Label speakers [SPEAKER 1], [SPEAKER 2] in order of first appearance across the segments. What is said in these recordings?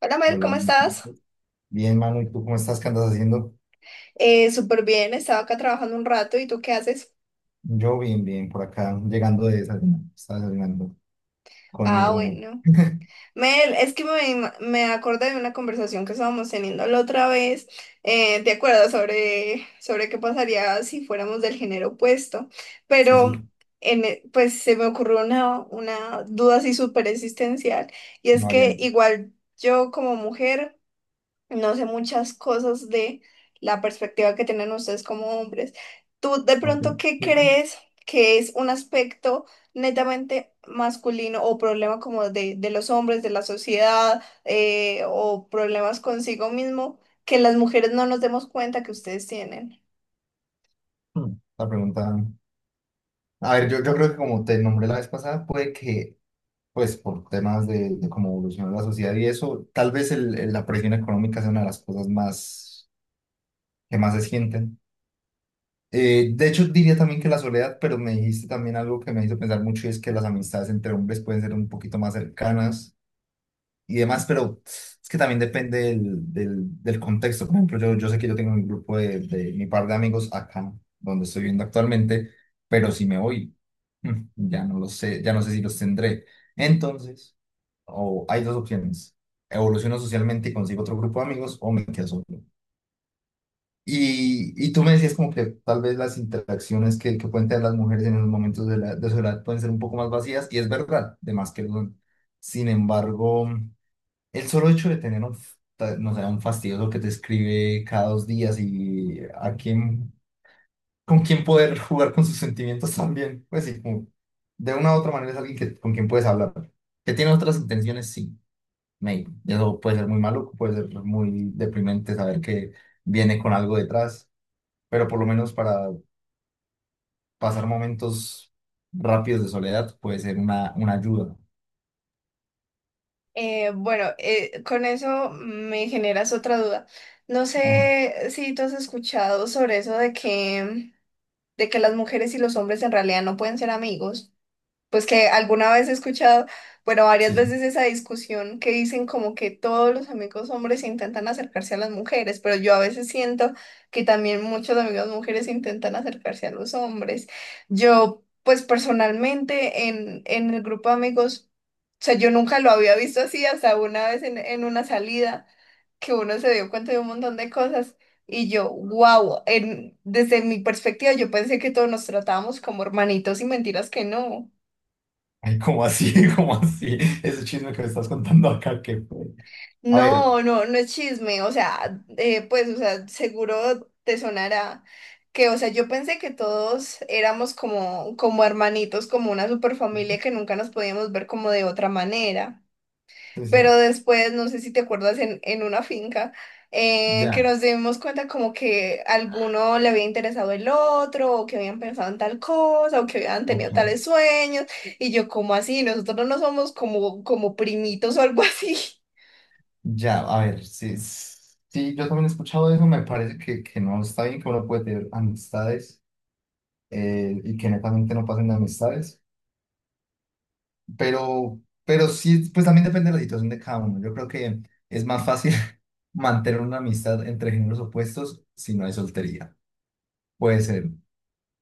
[SPEAKER 1] Hola Mel,
[SPEAKER 2] Hola,
[SPEAKER 1] ¿cómo
[SPEAKER 2] Manu, ¿cómo
[SPEAKER 1] estás?
[SPEAKER 2] estás? Bien, Manu, ¿y tú cómo estás? ¿Qué andas haciendo?
[SPEAKER 1] Súper bien, estaba acá trabajando un rato. ¿Y tú qué haces?
[SPEAKER 2] Yo bien, bien, por acá, llegando de desayunar, estaba desayunando con mi
[SPEAKER 1] Ah,
[SPEAKER 2] roomie.
[SPEAKER 1] bueno. Mel, es que me acordé de una conversación que estábamos teniendo la otra vez. ¿Te acuerdas sobre qué pasaría si fuéramos del género opuesto?
[SPEAKER 2] Sí, sí,
[SPEAKER 1] Pero pues se me ocurrió una duda así súper existencial, y es
[SPEAKER 2] no
[SPEAKER 1] que
[SPEAKER 2] variante.
[SPEAKER 1] igual yo como mujer no sé muchas cosas de la perspectiva que tienen ustedes como hombres. ¿Tú de
[SPEAKER 2] Ok,
[SPEAKER 1] pronto qué
[SPEAKER 2] sí, sí.
[SPEAKER 1] crees que es un aspecto netamente masculino o problema como de los hombres, de la sociedad, o problemas consigo mismo que las mujeres no nos demos cuenta que ustedes tienen?
[SPEAKER 2] Hmm, La pregunta, a ver, yo, creo que como te nombré la vez pasada, puede que, pues, por temas de cómo evolucionó la sociedad y eso, tal vez la presión económica sea una de las cosas más, que más se sienten. De hecho, diría también que la soledad, pero me dijiste también algo que me hizo pensar mucho y es que las amistades entre hombres pueden ser un poquito más cercanas y demás, pero es que también depende del contexto. Por ejemplo, yo, sé que yo tengo un grupo de mi par de amigos acá, donde estoy viviendo actualmente, pero si me voy, ya no lo sé, ya no sé si los tendré. Entonces, o hay dos opciones. Evoluciono socialmente y consigo otro grupo de amigos o me quedo solo. Y tú me decías como que tal vez las interacciones que pueden tener las mujeres en los momentos de su edad pueden ser un poco más vacías, y es verdad, de más que lo son. Sin embargo, el solo hecho de tener no sé, un fastidioso que te escribe cada dos días con quién poder jugar con sus sentimientos también, pues sí, como de una u otra manera es alguien que, con quien puedes hablar. Que tiene otras intenciones, sí, maybe. Y eso puede ser muy maluco, puede ser muy deprimente saber que viene con algo detrás, pero por lo menos para pasar momentos rápidos de soledad puede ser una ayuda.
[SPEAKER 1] Bueno, con eso me generas otra duda. No
[SPEAKER 2] Ajá.
[SPEAKER 1] sé si tú has escuchado sobre eso de que las mujeres y los hombres en realidad no pueden ser amigos. Pues que alguna vez he escuchado, bueno, varias
[SPEAKER 2] Sí, sí.
[SPEAKER 1] veces esa discusión, que dicen como que todos los amigos hombres intentan acercarse a las mujeres, pero yo a veces siento que también muchos amigos mujeres intentan acercarse a los hombres. Yo, pues personalmente en el grupo de amigos, o sea, yo nunca lo había visto así hasta una vez en una salida que uno se dio cuenta de un montón de cosas, y yo, wow, en, desde mi perspectiva yo pensé que todos nos tratábamos como hermanitos, y mentiras que no.
[SPEAKER 2] Ay, ¿cómo así? ¿Cómo así? Ese chisme que me estás contando acá, que... A ver,
[SPEAKER 1] No es chisme, o sea, pues, o sea, seguro te sonará que, o sea, yo pensé que todos éramos como, como hermanitos, como una superfamilia que nunca nos podíamos ver como de otra manera.
[SPEAKER 2] sí,
[SPEAKER 1] Pero
[SPEAKER 2] sí,
[SPEAKER 1] después, no sé si te acuerdas, en una finca, que
[SPEAKER 2] ya,
[SPEAKER 1] nos dimos cuenta como que alguno le había interesado el otro, o que habían pensado en tal cosa, o que habían tenido
[SPEAKER 2] ok.
[SPEAKER 1] tales sueños, y yo, como así? Nosotros no somos como, como primitos o algo así.
[SPEAKER 2] Ya, a ver, sí, sí, yo también he escuchado eso, me parece que no está bien, que uno puede tener amistades, y que netamente no pasen de amistades, pero, pero sí, pues también depende de la situación de cada uno. Yo creo que es más fácil mantener una amistad entre géneros opuestos si no hay soltería. Puede ser.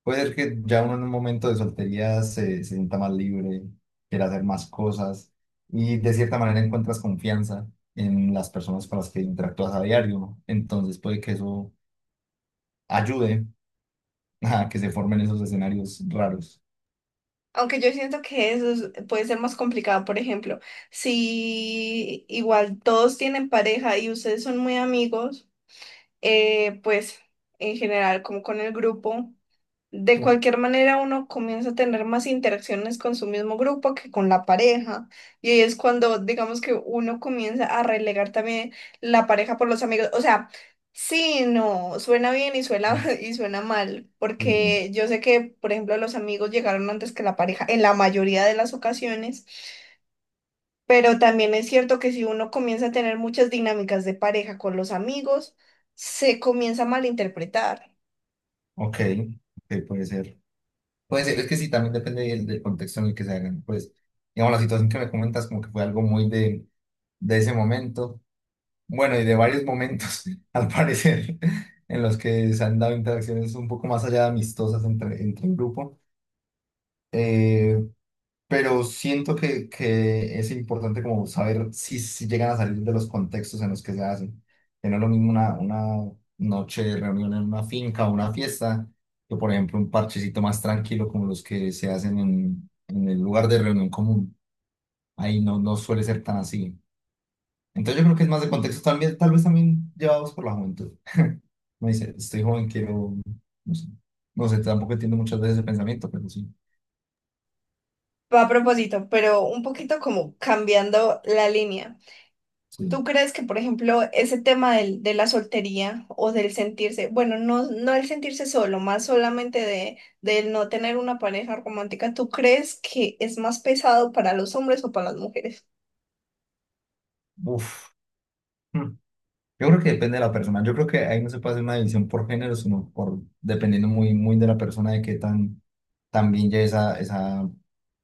[SPEAKER 2] Puede ser que ya uno en un momento de soltería se sienta más libre, quiera hacer más cosas y de cierta manera encuentras confianza en las personas con las que interactúas a diario, ¿no? Entonces puede que eso ayude a que se formen esos escenarios raros.
[SPEAKER 1] Aunque yo siento que puede ser más complicado. Por ejemplo, si igual todos tienen pareja y ustedes son muy amigos, pues en general como con el grupo. De
[SPEAKER 2] Sí.
[SPEAKER 1] cualquier manera, uno comienza a tener más interacciones con su mismo grupo que con la pareja. Y ahí es cuando, digamos, que uno comienza a relegar también la pareja por los amigos. O sea, sí, no, suena bien y suena, y suena mal,
[SPEAKER 2] Sí, sí.
[SPEAKER 1] porque yo sé que, por ejemplo, los amigos llegaron antes que la pareja en la mayoría de las ocasiones, pero también es cierto que si uno comienza a tener muchas dinámicas de pareja con los amigos, se comienza a malinterpretar.
[SPEAKER 2] Ok, ok, puede ser. Puede ser, es que sí, también depende del contexto en el que se hagan. Pues, digamos, la situación que me comentas como que fue algo muy de ese momento. Bueno, y de varios momentos, al parecer, en los que se han dado interacciones un poco más allá de amistosas entre, entre el grupo. Eh, pero siento que es importante como saber si, si llegan a salir de los contextos en los que se hacen. Que no es lo mismo una noche de reunión en una finca o una fiesta que, por ejemplo, un parchecito más tranquilo como los que se hacen en el lugar de reunión común. Ahí no, no suele ser tan así. Entonces yo creo que es más de contexto también, tal vez también llevados por la juventud. Me dice, estoy joven, quiero, no sé, no sé, tampoco entiendo muchas veces ese pensamiento, pero sí,
[SPEAKER 1] Va a propósito, pero un poquito como cambiando la línea.
[SPEAKER 2] sí,
[SPEAKER 1] ¿Tú crees que, por ejemplo, ese tema de la soltería o del sentirse, bueno, no el sentirse solo, más solamente del no tener una pareja romántica, tú crees que es más pesado para los hombres o para las mujeres?
[SPEAKER 2] uf. Hmm. Yo creo que depende de la persona, yo creo que ahí no se puede hacer una división por género, sino por, dependiendo muy, muy de la persona, de qué tan, también ya esa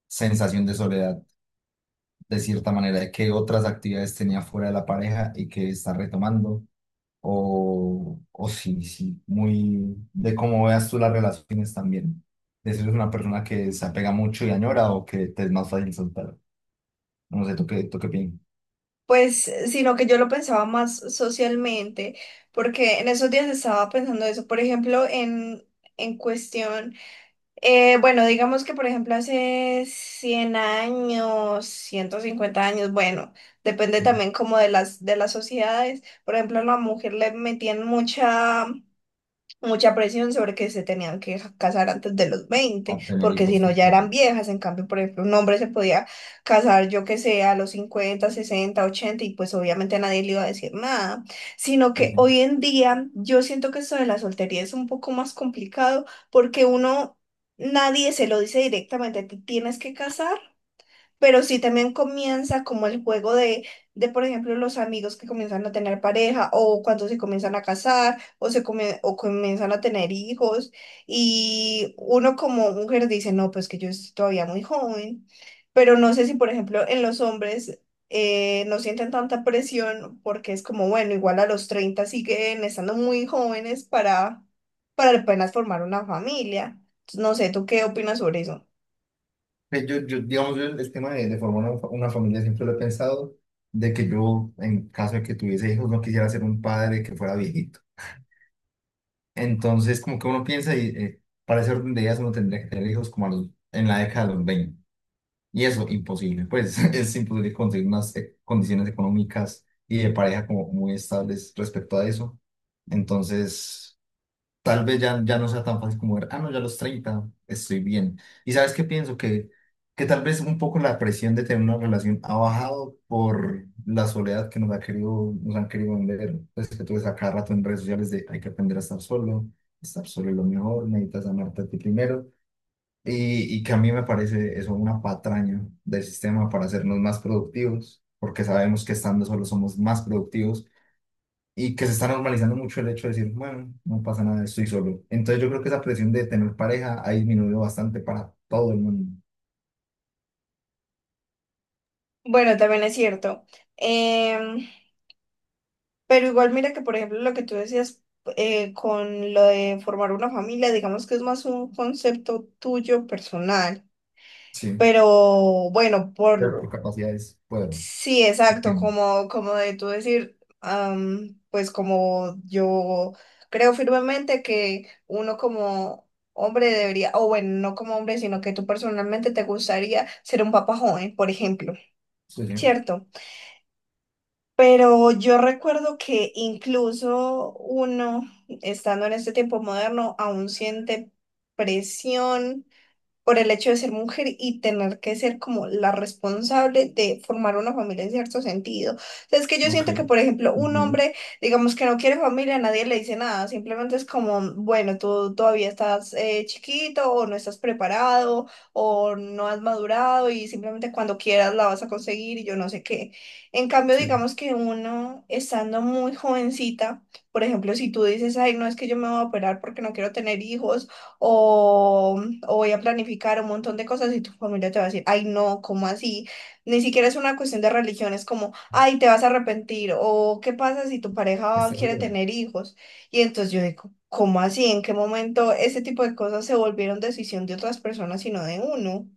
[SPEAKER 2] sensación de soledad, de cierta manera, de qué otras actividades tenía fuera de la pareja y que está retomando o sí, sí, muy de cómo veas tú las relaciones también. De si eres una persona que se apega mucho y añora o que te es más fácil soltar. No sé, tú qué piensas?
[SPEAKER 1] Pues, sino que yo lo pensaba más socialmente, porque en esos días estaba pensando eso, por ejemplo, en cuestión... Bueno, digamos que por ejemplo hace 100 años, 150 años, bueno, depende
[SPEAKER 2] Tú,
[SPEAKER 1] también como de de las sociedades. Por ejemplo, a la mujer le metían mucha presión sobre que se tenían que casar antes de los
[SPEAKER 2] a
[SPEAKER 1] 20
[SPEAKER 2] tener
[SPEAKER 1] porque si
[SPEAKER 2] hijos.
[SPEAKER 1] no
[SPEAKER 2] Sí,
[SPEAKER 1] ya
[SPEAKER 2] sí,
[SPEAKER 1] eran
[SPEAKER 2] no.
[SPEAKER 1] viejas. En cambio, por ejemplo, un hombre se podía casar, yo que sé, a los 50, 60, 80 y pues obviamente nadie le iba a decir nada. Sino
[SPEAKER 2] Sí,
[SPEAKER 1] que
[SPEAKER 2] sí.
[SPEAKER 1] hoy en día yo siento que esto de la soltería es un poco más complicado porque uno, nadie se lo dice directamente, te tienes que casar. Pero sí también comienza como el juego de, por ejemplo, los amigos que comienzan a tener pareja, o cuando se comienzan a casar, o comienzan a tener hijos, y uno como mujer dice, no, pues que yo estoy todavía muy joven, pero no sé si, por ejemplo, en los hombres no sienten tanta presión, porque es como, bueno, igual a los 30 siguen estando muy jóvenes para apenas formar una familia. Entonces, no sé, ¿tú qué opinas sobre eso?
[SPEAKER 2] Pues yo, digamos, yo el tema de formar una familia siempre lo he pensado, de que yo, en caso de que tuviese hijos, no quisiera ser un padre que fuera viejito. Entonces, como que uno piensa y para ese orden de ideas uno tendría que tener hijos como en la década de los veinte. Y eso, imposible, pues es imposible conseguir unas condiciones económicas y de pareja como muy estables respecto a eso. Entonces, tal vez ya, ya no sea tan fácil como ver, ah, no, ya a los 30 estoy bien. Y sabes qué pienso, que tal vez un poco la presión de tener una relación ha bajado por la soledad que nos ha querido, nos han querido vender. Pues que tú ves a cada rato en redes sociales de hay que aprender a estar solo es lo mejor, necesitas amarte a ti primero. Y que a mí me parece eso una patraña del sistema para hacernos más productivos, porque sabemos que estando solos somos más productivos y que se está normalizando mucho el hecho de decir, bueno, no pasa nada, estoy solo. Entonces yo creo que esa presión de tener pareja ha disminuido bastante para todo el mundo.
[SPEAKER 1] Bueno, también es cierto. Em, pero igual mira que, por ejemplo, lo que tú decías, con lo de formar una familia, digamos que es más un concepto tuyo personal.
[SPEAKER 2] Sí.
[SPEAKER 1] Pero bueno,
[SPEAKER 2] Pero por
[SPEAKER 1] por
[SPEAKER 2] capacidades puedo,
[SPEAKER 1] sí, exacto,
[SPEAKER 2] entiendo.
[SPEAKER 1] como, como de tú decir, pues como yo creo firmemente que uno como hombre debería, o bueno, no como hombre, sino que tú personalmente te gustaría ser un papá joven, por ejemplo,
[SPEAKER 2] Sí, sí,
[SPEAKER 1] ¿cierto? Pero yo recuerdo que incluso uno, estando en este tiempo moderno, aún siente presión por el hecho de ser mujer y tener que ser como la responsable de formar una familia en cierto sentido. O sea, es que yo
[SPEAKER 2] ok.
[SPEAKER 1] siento que, por ejemplo, un
[SPEAKER 2] Entiendo.
[SPEAKER 1] hombre, digamos que no quiere familia, nadie le dice nada, simplemente es como, bueno, tú todavía estás chiquito, o no estás preparado o no has madurado, y simplemente cuando quieras la vas a conseguir y yo no sé qué. En cambio,
[SPEAKER 2] Sí,
[SPEAKER 1] digamos
[SPEAKER 2] sí.
[SPEAKER 1] que uno estando muy jovencita, por ejemplo, si tú dices, ay, no, es que yo me voy a operar porque no quiero tener hijos, o, o voy a planificar un montón de cosas, y tu familia te va a decir, ay, no, ¿cómo así? Ni siquiera es una cuestión de religión, es como, ay, te vas a arrepentir. O qué pasa si tu
[SPEAKER 2] ¿Estás
[SPEAKER 1] pareja quiere
[SPEAKER 2] seguro?
[SPEAKER 1] tener hijos. Y entonces yo digo, ¿cómo así? ¿En qué momento ese tipo de cosas se volvieron decisión de otras personas y no de uno?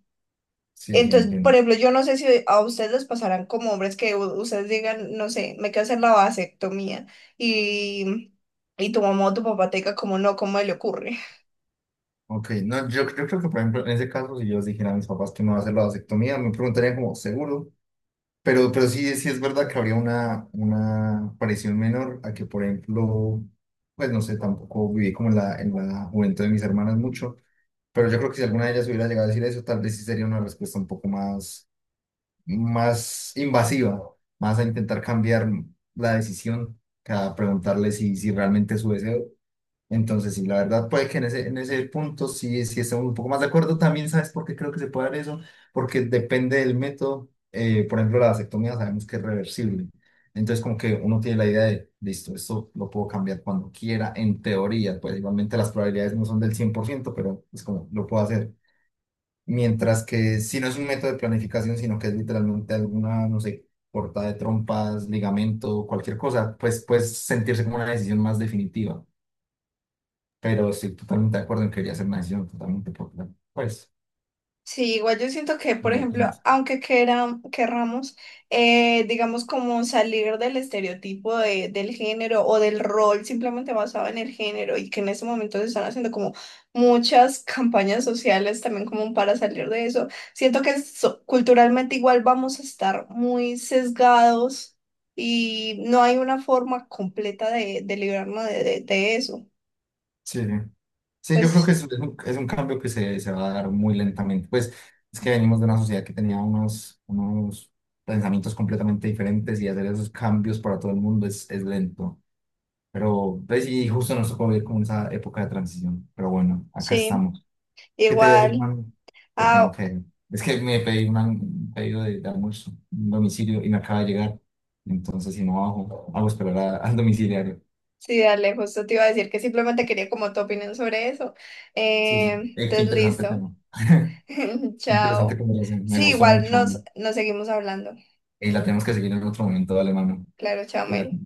[SPEAKER 2] Sí, sí,
[SPEAKER 1] Entonces, por
[SPEAKER 2] entiendo.
[SPEAKER 1] ejemplo, yo no sé si a ustedes les pasarán como hombres que ustedes digan, no sé, me quiero hacer la vasectomía, y, y tu mamá o tu papá te diga como no, ¿cómo le ocurre?
[SPEAKER 2] Ok, no, yo creo que por ejemplo en ese caso si yo les dijera a mis papás que me va a hacer la vasectomía, me preguntarían como, ¿seguro? Pero sí, sí es verdad que habría una presión menor a que, por ejemplo, pues no sé, tampoco viví como en la juventud de mis hermanas mucho, pero yo creo que si alguna de ellas hubiera llegado a decir eso, tal vez sí sería una respuesta un poco más, más invasiva, más a intentar cambiar la decisión que a preguntarle si, si realmente es su deseo. Entonces, sí, la verdad puede que en ese punto sí, sí estemos un poco más de acuerdo. También, ¿sabes por qué creo que se puede dar eso? Porque depende del método. Por ejemplo, la vasectomía sabemos que es reversible. Entonces, como que uno tiene la idea de, listo, esto lo puedo cambiar cuando quiera, en teoría. Pues igualmente las probabilidades no son del 100%, pero es como, lo puedo hacer. Mientras que si no es un método de planificación, sino que es literalmente alguna, no sé, cortada de trompas, ligamento, cualquier cosa, pues puedes sentirse como una decisión más definitiva, pero estoy totalmente de acuerdo en que debería ser una decisión totalmente popular. Pues,
[SPEAKER 1] Sí, igual yo siento que, por
[SPEAKER 2] digo, pues no.
[SPEAKER 1] ejemplo, aunque querramos, digamos, como salir del estereotipo del género o del rol simplemente basado en el género, y que en este momento se están haciendo como muchas campañas sociales también como para salir de eso, siento que culturalmente igual vamos a estar muy sesgados y no hay una forma completa de librarnos de eso.
[SPEAKER 2] Sí, sí. Sí, yo creo
[SPEAKER 1] Pues
[SPEAKER 2] es un cambio que se va a dar muy lentamente. Pues es que venimos de una sociedad que tenía unos, unos pensamientos completamente diferentes y hacer esos cambios para todo el mundo es lento. Pero, pues y justo nos tocó vivir como esa época de transición. Pero bueno, acá
[SPEAKER 1] sí,
[SPEAKER 2] estamos. ¿Qué te voy a decir,
[SPEAKER 1] igual.
[SPEAKER 2] mami? Le tengo
[SPEAKER 1] Ah,
[SPEAKER 2] que ir. Es que me pedí un pedido de almuerzo, un domicilio, y me acaba de llegar. Entonces, si no bajo, hago esperar al domiciliario.
[SPEAKER 1] sí, dale, justo te iba a decir que simplemente quería como tu opinión sobre eso.
[SPEAKER 2] Sí, sí. Qué
[SPEAKER 1] Entonces,
[SPEAKER 2] interesante
[SPEAKER 1] listo.
[SPEAKER 2] tema. Interesante
[SPEAKER 1] Chao.
[SPEAKER 2] conversación. Me
[SPEAKER 1] Sí,
[SPEAKER 2] gustó
[SPEAKER 1] igual
[SPEAKER 2] mucho.
[SPEAKER 1] nos seguimos hablando.
[SPEAKER 2] Y la tenemos que seguir en otro momento. Dale, mano.
[SPEAKER 1] Claro, chao,
[SPEAKER 2] Cuídate.
[SPEAKER 1] Mel.